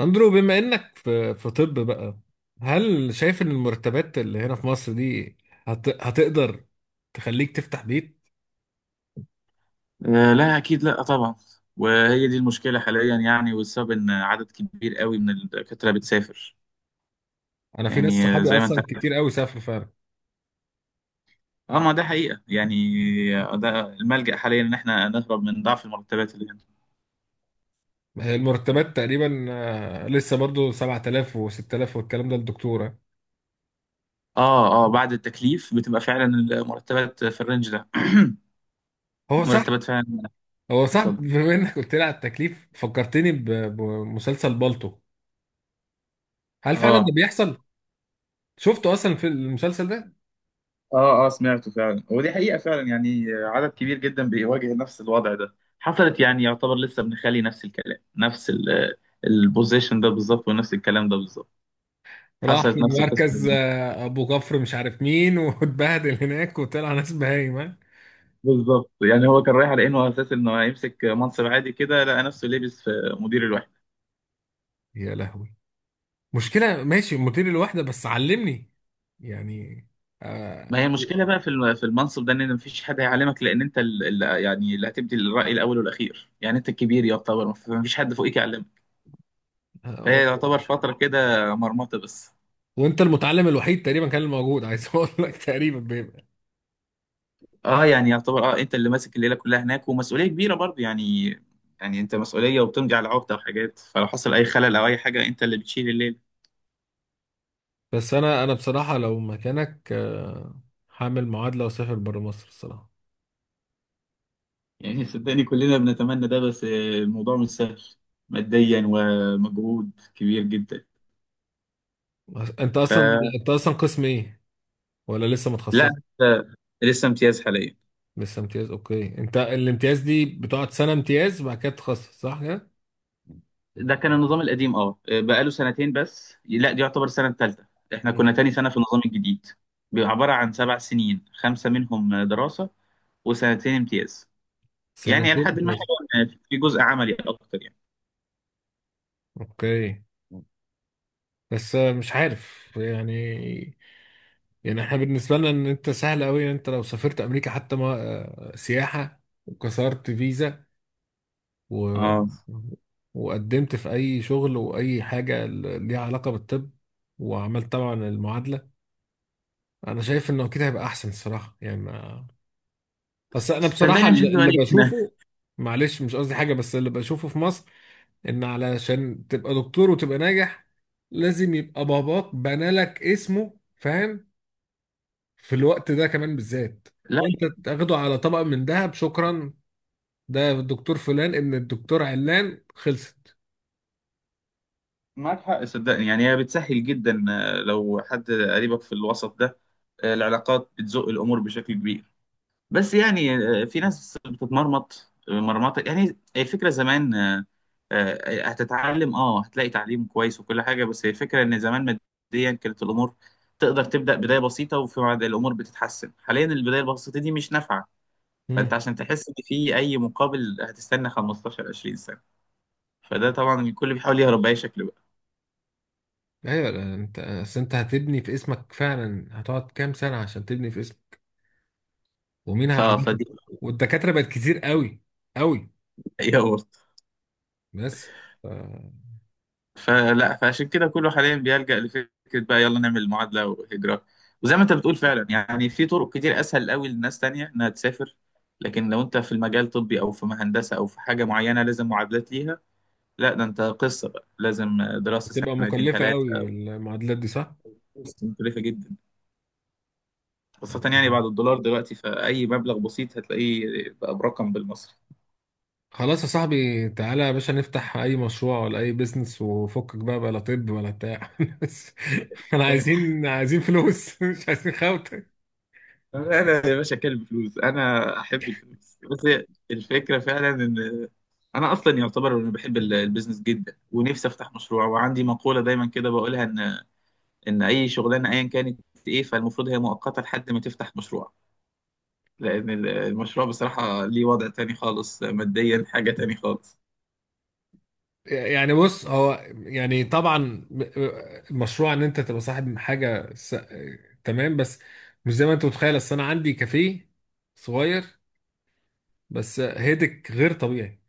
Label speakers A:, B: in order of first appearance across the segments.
A: اندرو، بما انك في طب بقى، هل شايف ان المرتبات اللي هنا في مصر دي هتقدر تخليك تفتح بيت؟
B: آه، لا، اكيد لا، طبعا. وهي دي المشكله حاليا، يعني، والسبب ان عدد كبير قوي من الدكاتره بتسافر.
A: انا في ناس
B: يعني
A: صحابي
B: زي ما انت
A: اصلا
B: عارف.
A: كتير قوي سافروا فعلا.
B: اه، ما ده حقيقه يعني. ده الملجأ حاليا ان احنا نهرب من ضعف المرتبات اللي هنا.
A: المرتبات تقريبا لسه برضو 7000 و6000 والكلام ده الدكتورة.
B: اه اه، بعد التكليف بتبقى فعلا المرتبات في الرينج ده.
A: هو صح.
B: مرتبات فعلا.
A: هو صح،
B: اتفضل.
A: بما انك قلت لي على التكليف فكرتني بمسلسل بالطو. هل فعلا ده
B: اه
A: بيحصل؟ شفته اصلا في المسلسل ده.
B: اه اه، سمعته فعلا، ودي حقيقة فعلا، يعني عدد كبير جدا بيواجه نفس الوضع ده. حصلت، يعني يعتبر لسه ابن خالي نفس الكلام، نفس البوزيشن ده بالظبط ونفس الكلام ده بالظبط.
A: راح
B: حصلت
A: في
B: نفس القصة
A: مركز
B: دي.
A: ابو كفر مش عارف مين واتبهدل هناك وطلع ناس بهايمه.
B: بالظبط، يعني هو كان رايح على انه، على اساس انه هيمسك منصب عادي كده، لقى نفسه لابس في مدير الوحدة.
A: يا لهوي، مشكلة، ماشي مدير الوحدة بس علمني يعني. آه
B: ما هي
A: آه،
B: المشكلة بقى في في المنصب ده ان مفيش حد هيعلمك، لان انت اللي، يعني اللي هتبدي الرأي الاول والاخير، يعني انت الكبير يعتبر مفيش حد فوقيك يعلمك.
A: آه،
B: فهي يعتبر فترة كده مرمطة بس.
A: وانت المتعلم الوحيد تقريبا كان الموجود، عايز اقول لك تقريبا بيبقى.
B: اه، يعني يعتبر، اه، انت اللي ماسك الليله كلها هناك، ومسؤوليه كبيره برضه يعني. يعني انت مسؤوليه وبتمضي على عقده وحاجات، فلو حصل اي خلل او اي حاجه انت اللي بتشيل الليله.
A: بس انا بصراحة لو مكانك هعمل معادلة واسافر بره مصر الصراحة.
B: يعني صدقني كلنا بنتمنى ده، بس الموضوع مش سهل ماديا، ومجهود كبير جدا.
A: انت اصلا،
B: فلا
A: انت اصلا قسم ايه ولا لسه متخصص؟
B: آه، لسه امتياز حاليا.
A: لسه امتياز، اوكي. انت الامتياز دي بتقعد سنة امتياز وبعد كده تتخصص، صح كده؟
B: ده كان النظام القديم، اه، بقاله سنتين بس. لا، دي يعتبر السنه الثالثه. احنا
A: مم.
B: كنا تاني سنه في النظام الجديد. بيبقى عباره عن 7 سنين، خمسه منهم دراسه وسنتين امتياز. يعني
A: سنتين
B: لحد ما
A: امتياز.
B: حلو إن في جزء عملي اكتر يعني.
A: اوكي. بس مش عارف يعني. يعني احنا بالنسبة لنا ان انت سهل قوي ان انت لو سافرت امريكا حتى ما سياحة وكسرت فيزا و...
B: اه.
A: وقدمت في اي شغل واي حاجة ليها علاقة بالطب وعملت طبعا المعادلة. انا شايف انه كده هيبقى احسن الصراحة يعني ما... بس انا بصراحة
B: صدقني مش هكدب
A: اللي
B: عليك هنا.
A: بشوفه، معلش مش قصدي حاجة، بس اللي بشوفه في مصر ان علشان تبقى دكتور وتبقى ناجح لازم يبقى باباك بنالك اسمه، فاهم؟ في الوقت ده كمان بالذات،
B: لا،
A: وانت تاخده على طبق من دهب، شكرا. ده الدكتور فلان ابن الدكتور علان، خلصت.
B: معاك حق صدقني، يعني هي بتسهل جدا لو حد قريبك في الوسط ده. العلاقات بتزق الامور بشكل كبير، بس يعني في ناس بتتمرمط مرمطه. يعني الفكره زمان هتتعلم، هتلاقي تعليم كويس وكل حاجه، بس هي الفكره ان زمان ماديا كانت الامور تقدر تبدا بدايه بسيطه وفي بعد الامور بتتحسن. حاليا البدايه البسيطه دي مش نافعه، فانت
A: امم.
B: عشان تحس ان في اي مقابل هتستنى 15 20 سنه. فده طبعا الكل بيحاول يهرب باي شكل بقى.
A: ايوه، ده انت اصل انت هتبني في اسمك فعلا، هتقعد كام سنه عشان تبني في اسمك ومين هيعرفك؟
B: فدي
A: والدكاتره بقت كتير قوي قوي.
B: حقيقه برضه.
A: بس ف-
B: فلا فعشان كده كله حاليا بيلجأ لفكره بقى، يلا نعمل معادله وهجره. وزي ما انت بتقول فعلا، يعني في طرق كتير اسهل قوي لناس تانية انها تسافر، لكن لو انت في المجال الطبي او في هندسه او في حاجه معينه لازم معادلات ليها. لا، ده انت قصه بقى، لازم دراسه
A: بتبقى
B: سنتين
A: مكلفه قوي
B: ثلاثه.
A: المعادلات دي، صح؟
B: قصه مكلفه جدا، خاصه يعني بعد الدولار دلوقتي، فاي مبلغ بسيط هتلاقيه بقى برقم بالمصري.
A: خلاص يا صاحبي، تعالى يا باشا نفتح اي مشروع ولا اي بيزنس وفكك بقى بلا طب ولا بتاع بس احنا
B: انا
A: عايزين، عايزين فلوس مش عايزين خوته.
B: أنا يا باشا كلب فلوس، انا احب الفلوس. بس هي الفكره فعلا ان انا اصلا يعتبر انا بحب البيزنس جدا ونفسي افتح مشروع. وعندي مقوله دايما كده بقولها ان اي شغلانه ايا كانت ايه، فالمفروض هي مؤقته لحد ما تفتح مشروع، لان المشروع بصراحه ليه وضع تاني خالص، ماديا حاجه تاني خالص.
A: يعني بص، هو يعني طبعا مشروع ان انت تبقى صاحب تمام، بس مش زي ما انت متخيل. اصل انا عندي كافيه صغير، بس هيدك غير طبيعي،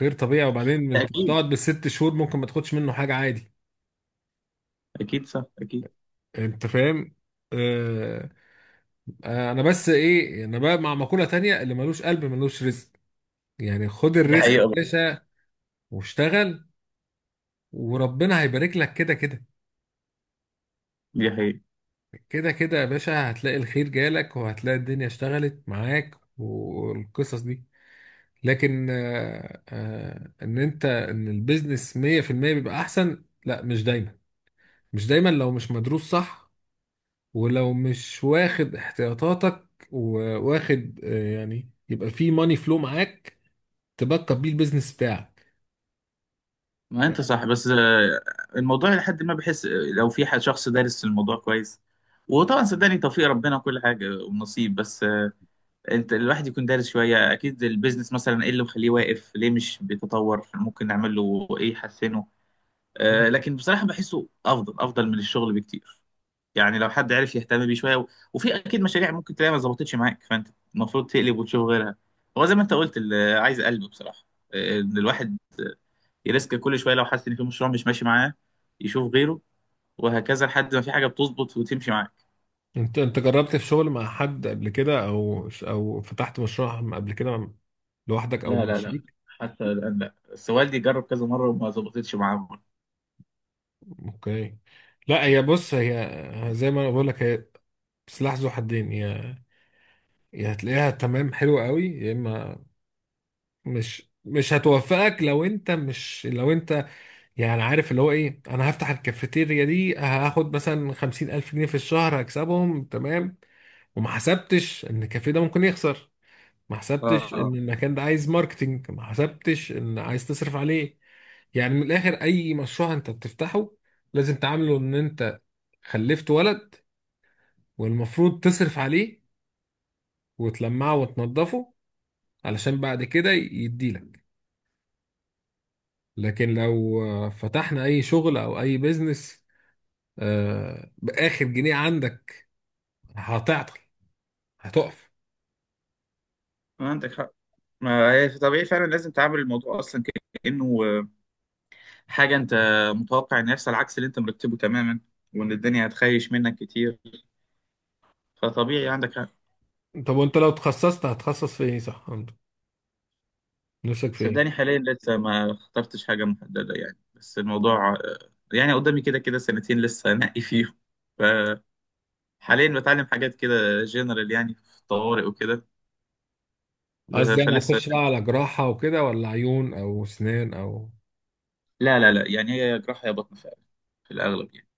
A: غير طبيعي. وبعدين انت
B: اكيد،
A: بتقعد بالست شهور ممكن ما تاخدش منه حاجه، عادي.
B: اكيد صح، اكيد.
A: انت فاهم؟ آه، انا بس ايه، انا بقى مع مقولة تانية اللي ملوش قلب ملوش رزق. يعني خد
B: دي
A: الرزق يا
B: حقيقه.
A: باشا واشتغل، وربنا هيبارك لك كده كده.
B: دي حقيقه.
A: كده كده يا باشا هتلاقي الخير جالك وهتلاقي الدنيا اشتغلت معاك والقصص دي. لكن ان انت ان البيزنس 100% بيبقى احسن، لا مش دايما، مش دايما لو مش مدروس صح، ولو مش واخد احتياطاتك وواخد يعني يبقى في ماني فلو معاك تبقى بيه البيزنس بتاعك.
B: ما انت صح، بس الموضوع لحد ما بحس لو في حد شخص دارس الموضوع كويس، وطبعا صدقني توفيق ربنا وكل حاجه ونصيب، بس انت الواحد يكون دارس شويه اكيد البيزنس، مثلا ايه اللي مخليه واقف، ليه مش بيتطور، ممكن نعمل له ايه يحسنه. لكن بصراحه بحسه افضل افضل من الشغل بكتير. يعني لو حد عرف يهتم بيه شويه وفي اكيد مشاريع ممكن تلاقيها ما ظبطتش معاك، فانت المفروض تقلب وتشوف غيرها. هو زي ما انت قلت اللي عايز قلب بصراحه، ان الواحد يريسك كل شويه لو حاسس ان في مشروع مش ماشي معاه يشوف غيره، وهكذا لحد ما في حاجه بتظبط وتمشي معاك.
A: انت جربت في شغل مع حد قبل كده او فتحت مشروع قبل كده لوحدك او
B: لا
A: مع
B: لا لا،
A: شريك؟
B: حتى الان لا، بس والدي جرب كذا مره وما ظبطتش معاه مرة.
A: اوكي. لا هي بص، هي زي ما انا بقول لك، هي سلاح ذو حدين. يا يا هتلاقيها تمام حلو قوي، يا اما مش هتوفقك لو انت مش، لو انت يعني عارف اللي هو ايه، انا هفتح الكافيتيريا دي هاخد مثلا خمسين الف جنيه في الشهر هكسبهم، تمام، وما حسبتش ان الكافيه ده ممكن يخسر، ما حسبتش
B: اه،
A: ان المكان ده عايز ماركتينج، ما حسبتش ان عايز تصرف عليه. يعني من الاخر اي مشروع انت بتفتحه لازم تعامله ان انت خلفت ولد، والمفروض تصرف عليه وتلمعه وتنضفه علشان بعد كده يديلك. لكن لو فتحنا اي شغل او اي بيزنس باخر جنيه عندك، هتعطل، هتقف.
B: ما عندك حق، ما هي طبيعي فعلا لازم تعامل الموضوع اصلا كانه حاجه انت متوقع ان يحصل عكس اللي انت مرتبه تماما، وان الدنيا هتخيش منك كتير، فطبيعي عندك حق.
A: طب وانت لو تخصصت هتخصص في ايه؟ صح، عندك نفسك في ايه؟
B: صدقني حاليا لسه ما اخترتش حاجة محددة يعني. بس الموضوع يعني قدامي كده كده سنتين لسه انقي فيهم، فحاليا بتعلم حاجات كده جنرال، يعني في طوارئ وكده.
A: قصدي يعني
B: فلسه،
A: هتخش بقى على جراحة وكده، ولا عيون أو أسنان أو،
B: لا لا لا، يعني هي جراحة يا بطن فعلا في الأغلب يعني.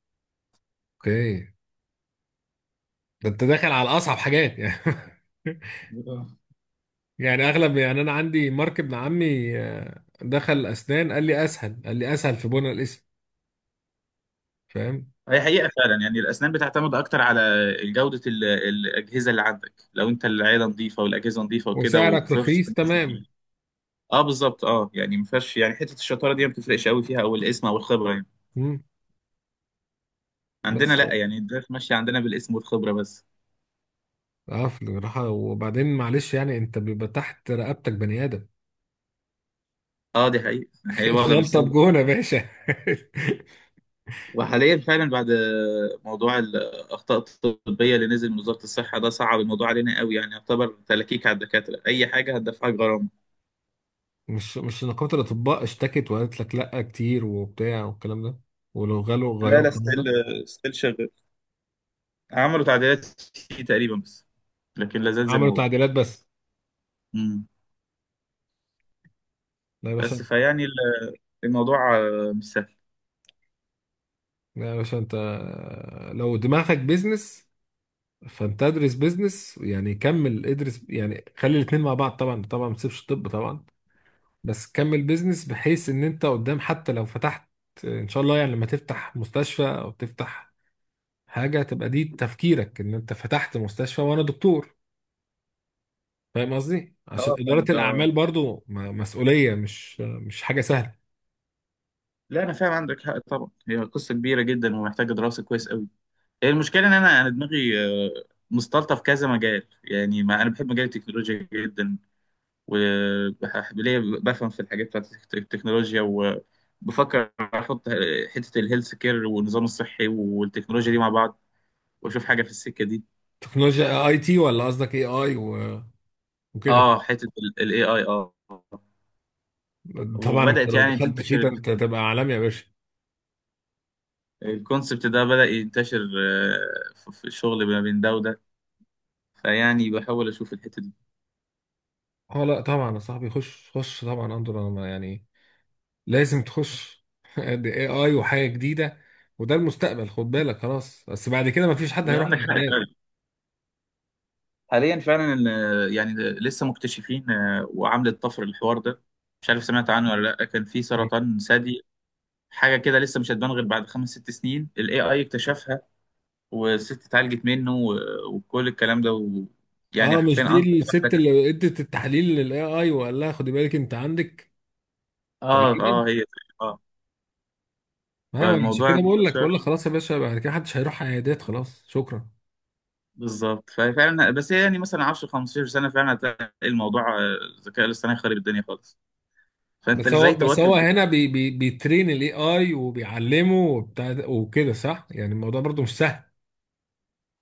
A: أوكي. ده أنت داخل على أصعب حاجات يعني
B: آه.
A: يعني أغلب، يعني أنا عندي مارك ابن عمي دخل أسنان قال لي أسهل، قال لي أسهل في بناء الاسم، فاهم.
B: هي حقيقة فعلا يعني الأسنان بتعتمد أكتر على جودة الأجهزة اللي عندك، لو أنت العيادة نظيفة والأجهزة نظيفة وكده،
A: وسعرك
B: وفرصة.
A: رخيص، تمام.
B: أه بالظبط، أه، يعني ما فيهاش يعني حتة الشطارة دي ما بتفرقش قوي فيها، أو الاسم أو الخبرة يعني.
A: مم.
B: عندنا
A: بس
B: لا، يعني الدراسة ماشية عندنا بالاسم والخبرة بس.
A: اه في الجراحة، وبعدين معلش يعني انت بيبقى تحت رقبتك بني ادم
B: اه، دي حقيقة. هي الوضع مش
A: الغلطة
B: سهل،
A: بجون يا باشا.
B: وحاليا فعلا بعد موضوع الأخطاء الطبية اللي نزل من وزارة الصحة ده صعب الموضوع علينا قوي، يعني يعتبر تلكيك على الدكاترة، أي حاجة هتدفعك غرامة.
A: مش نقابة الاطباء اشتكت وقالت لك لا كتير وبتاع والكلام ده، ولو غلوا
B: لا
A: غيروا
B: لا،
A: القانون
B: ستيل،
A: ده؟
B: ستيل شغال. عملوا تعديلات فيه تقريبا بس، لكن لا زال زي ما
A: عملوا
B: هو.
A: تعديلات بس.
B: مم.
A: لا يا باشا.
B: بس فيعني الموضوع مش سهل.
A: لا يا باشا، انت لو دماغك بيزنس فانت ادرس بيزنس، يعني كمل ادرس، يعني خلي الاتنين مع بعض، طبعا طبعا ما تسيبش الطب طبعا، بس كمل بيزنس بحيث ان انت قدام حتى لو فتحت، ان شاء الله يعني لما تفتح مستشفى او تفتح حاجة، تبقى دي تفكيرك ان انت فتحت مستشفى وانا دكتور. فاهم قصدي؟ عشان
B: اه، فاهم
A: إدارة
B: آه.
A: الأعمال برضو مسؤولية، مش حاجة سهلة.
B: لا، أنا فاهم، عندك حق طبعا، هي قصة كبيرة جدا ومحتاجة دراسة كويس قوي. هي المشكله ان انا دماغي آه، مسطلطه في كذا مجال. يعني ما انا بحب مجال التكنولوجيا جدا، وبحب ليا بفهم في الحاجات بتاعت التكنولوجيا. وبفكر احط حته الهيلث كير والنظام الصحي والتكنولوجيا دي مع بعض، واشوف حاجه في السكه دي.
A: تكنولوجيا اي تي ولا قصدك اي اي وكده؟
B: اه، حته الاي اي،
A: طبعا انت
B: وبدات
A: لو
B: يعني
A: دخلت فيه
B: تنتشر.
A: ده انت هتبقى عالمي يا باشا.
B: الكونسبت ده بدا ينتشر في الشغل ما بين ده وده، فيعني بحاول اشوف الحته دي.
A: اه لا طبعا يا صاحبي، خش خش طبعا، انظر انا يعني لازم تخش دي اي اي وحاجه جديده، وده المستقبل، خد بالك، خلاص، بس بعد كده ما فيش حد هيروح
B: وعندك حق،
A: عيادات.
B: حاليا فعلا يعني لسه مكتشفين وعامله طفر الحوار ده. مش عارف سمعت عنه ولا لا، كان في سرطان ثدي حاجه كده لسه مش هتبان غير بعد 5 6 سنين، الاي اي اكتشفها، والست اتعالجت منه، وكل الكلام ده يعني
A: اه
B: حرفيا
A: مش
B: انقذ
A: دي الست
B: واحدة.
A: اللي ادت التحليل للاي اي وقال لها خدي بالك انت عندك،
B: اه اه
A: تقريبا.
B: هي، اه
A: ما عشان
B: فالموضوع
A: كده بقول لك،
B: انتشر
A: بقول لك خلاص يا باشا، بعد كده محدش هيروح عيادات، خلاص، شكرا.
B: بالظبط، ففعلا بس هي يعني مثلا 10 15 سنه فعلا هتلاقي الموضوع الذكاء الاصطناعي خارب الدنيا خالص، فانت
A: بس هو،
B: ازاي
A: بس هو
B: تواكب ده؟
A: هنا بي بيترين الاي اي وبيعلمه وبتاع وكده صح، يعني الموضوع برضو مش سهل.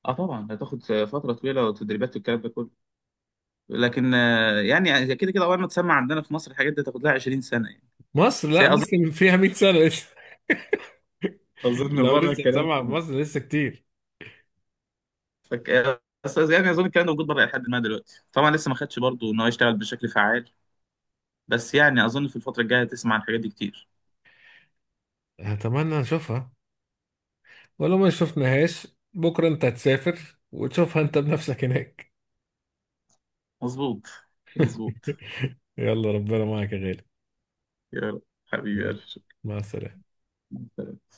B: اه طبعا هتاخد فتره طويله وتدريبات والكلام ده كله، لكن يعني كده كده اول ما تسمع عندنا في مصر الحاجات دي تاخد لها 20 سنه يعني.
A: مصر،
B: بس
A: لا
B: هي اظن،
A: مصر فيها 100 سنة لسه
B: اظن
A: لو
B: بره
A: لسه
B: الكلام.
A: سامعة في مصر لسه كتير.
B: فك... بس يعني اظن الكلام ده موجود بره. لحد ما دلوقتي طبعا لسه ما خدش برضه ان هو يشتغل بشكل فعال، بس يعني اظن في الفتره الجايه هتسمع عن الحاجات دي كتير.
A: أتمنى نشوفها، ولو ما شفناهاش بكرة أنت هتسافر وتشوفها أنت بنفسك هناك.
B: مظبوط، مظبوط.
A: يلا ربنا معك يا غالي،
B: يا رب حبيبي، ألف
A: مع السلامة.
B: شكر.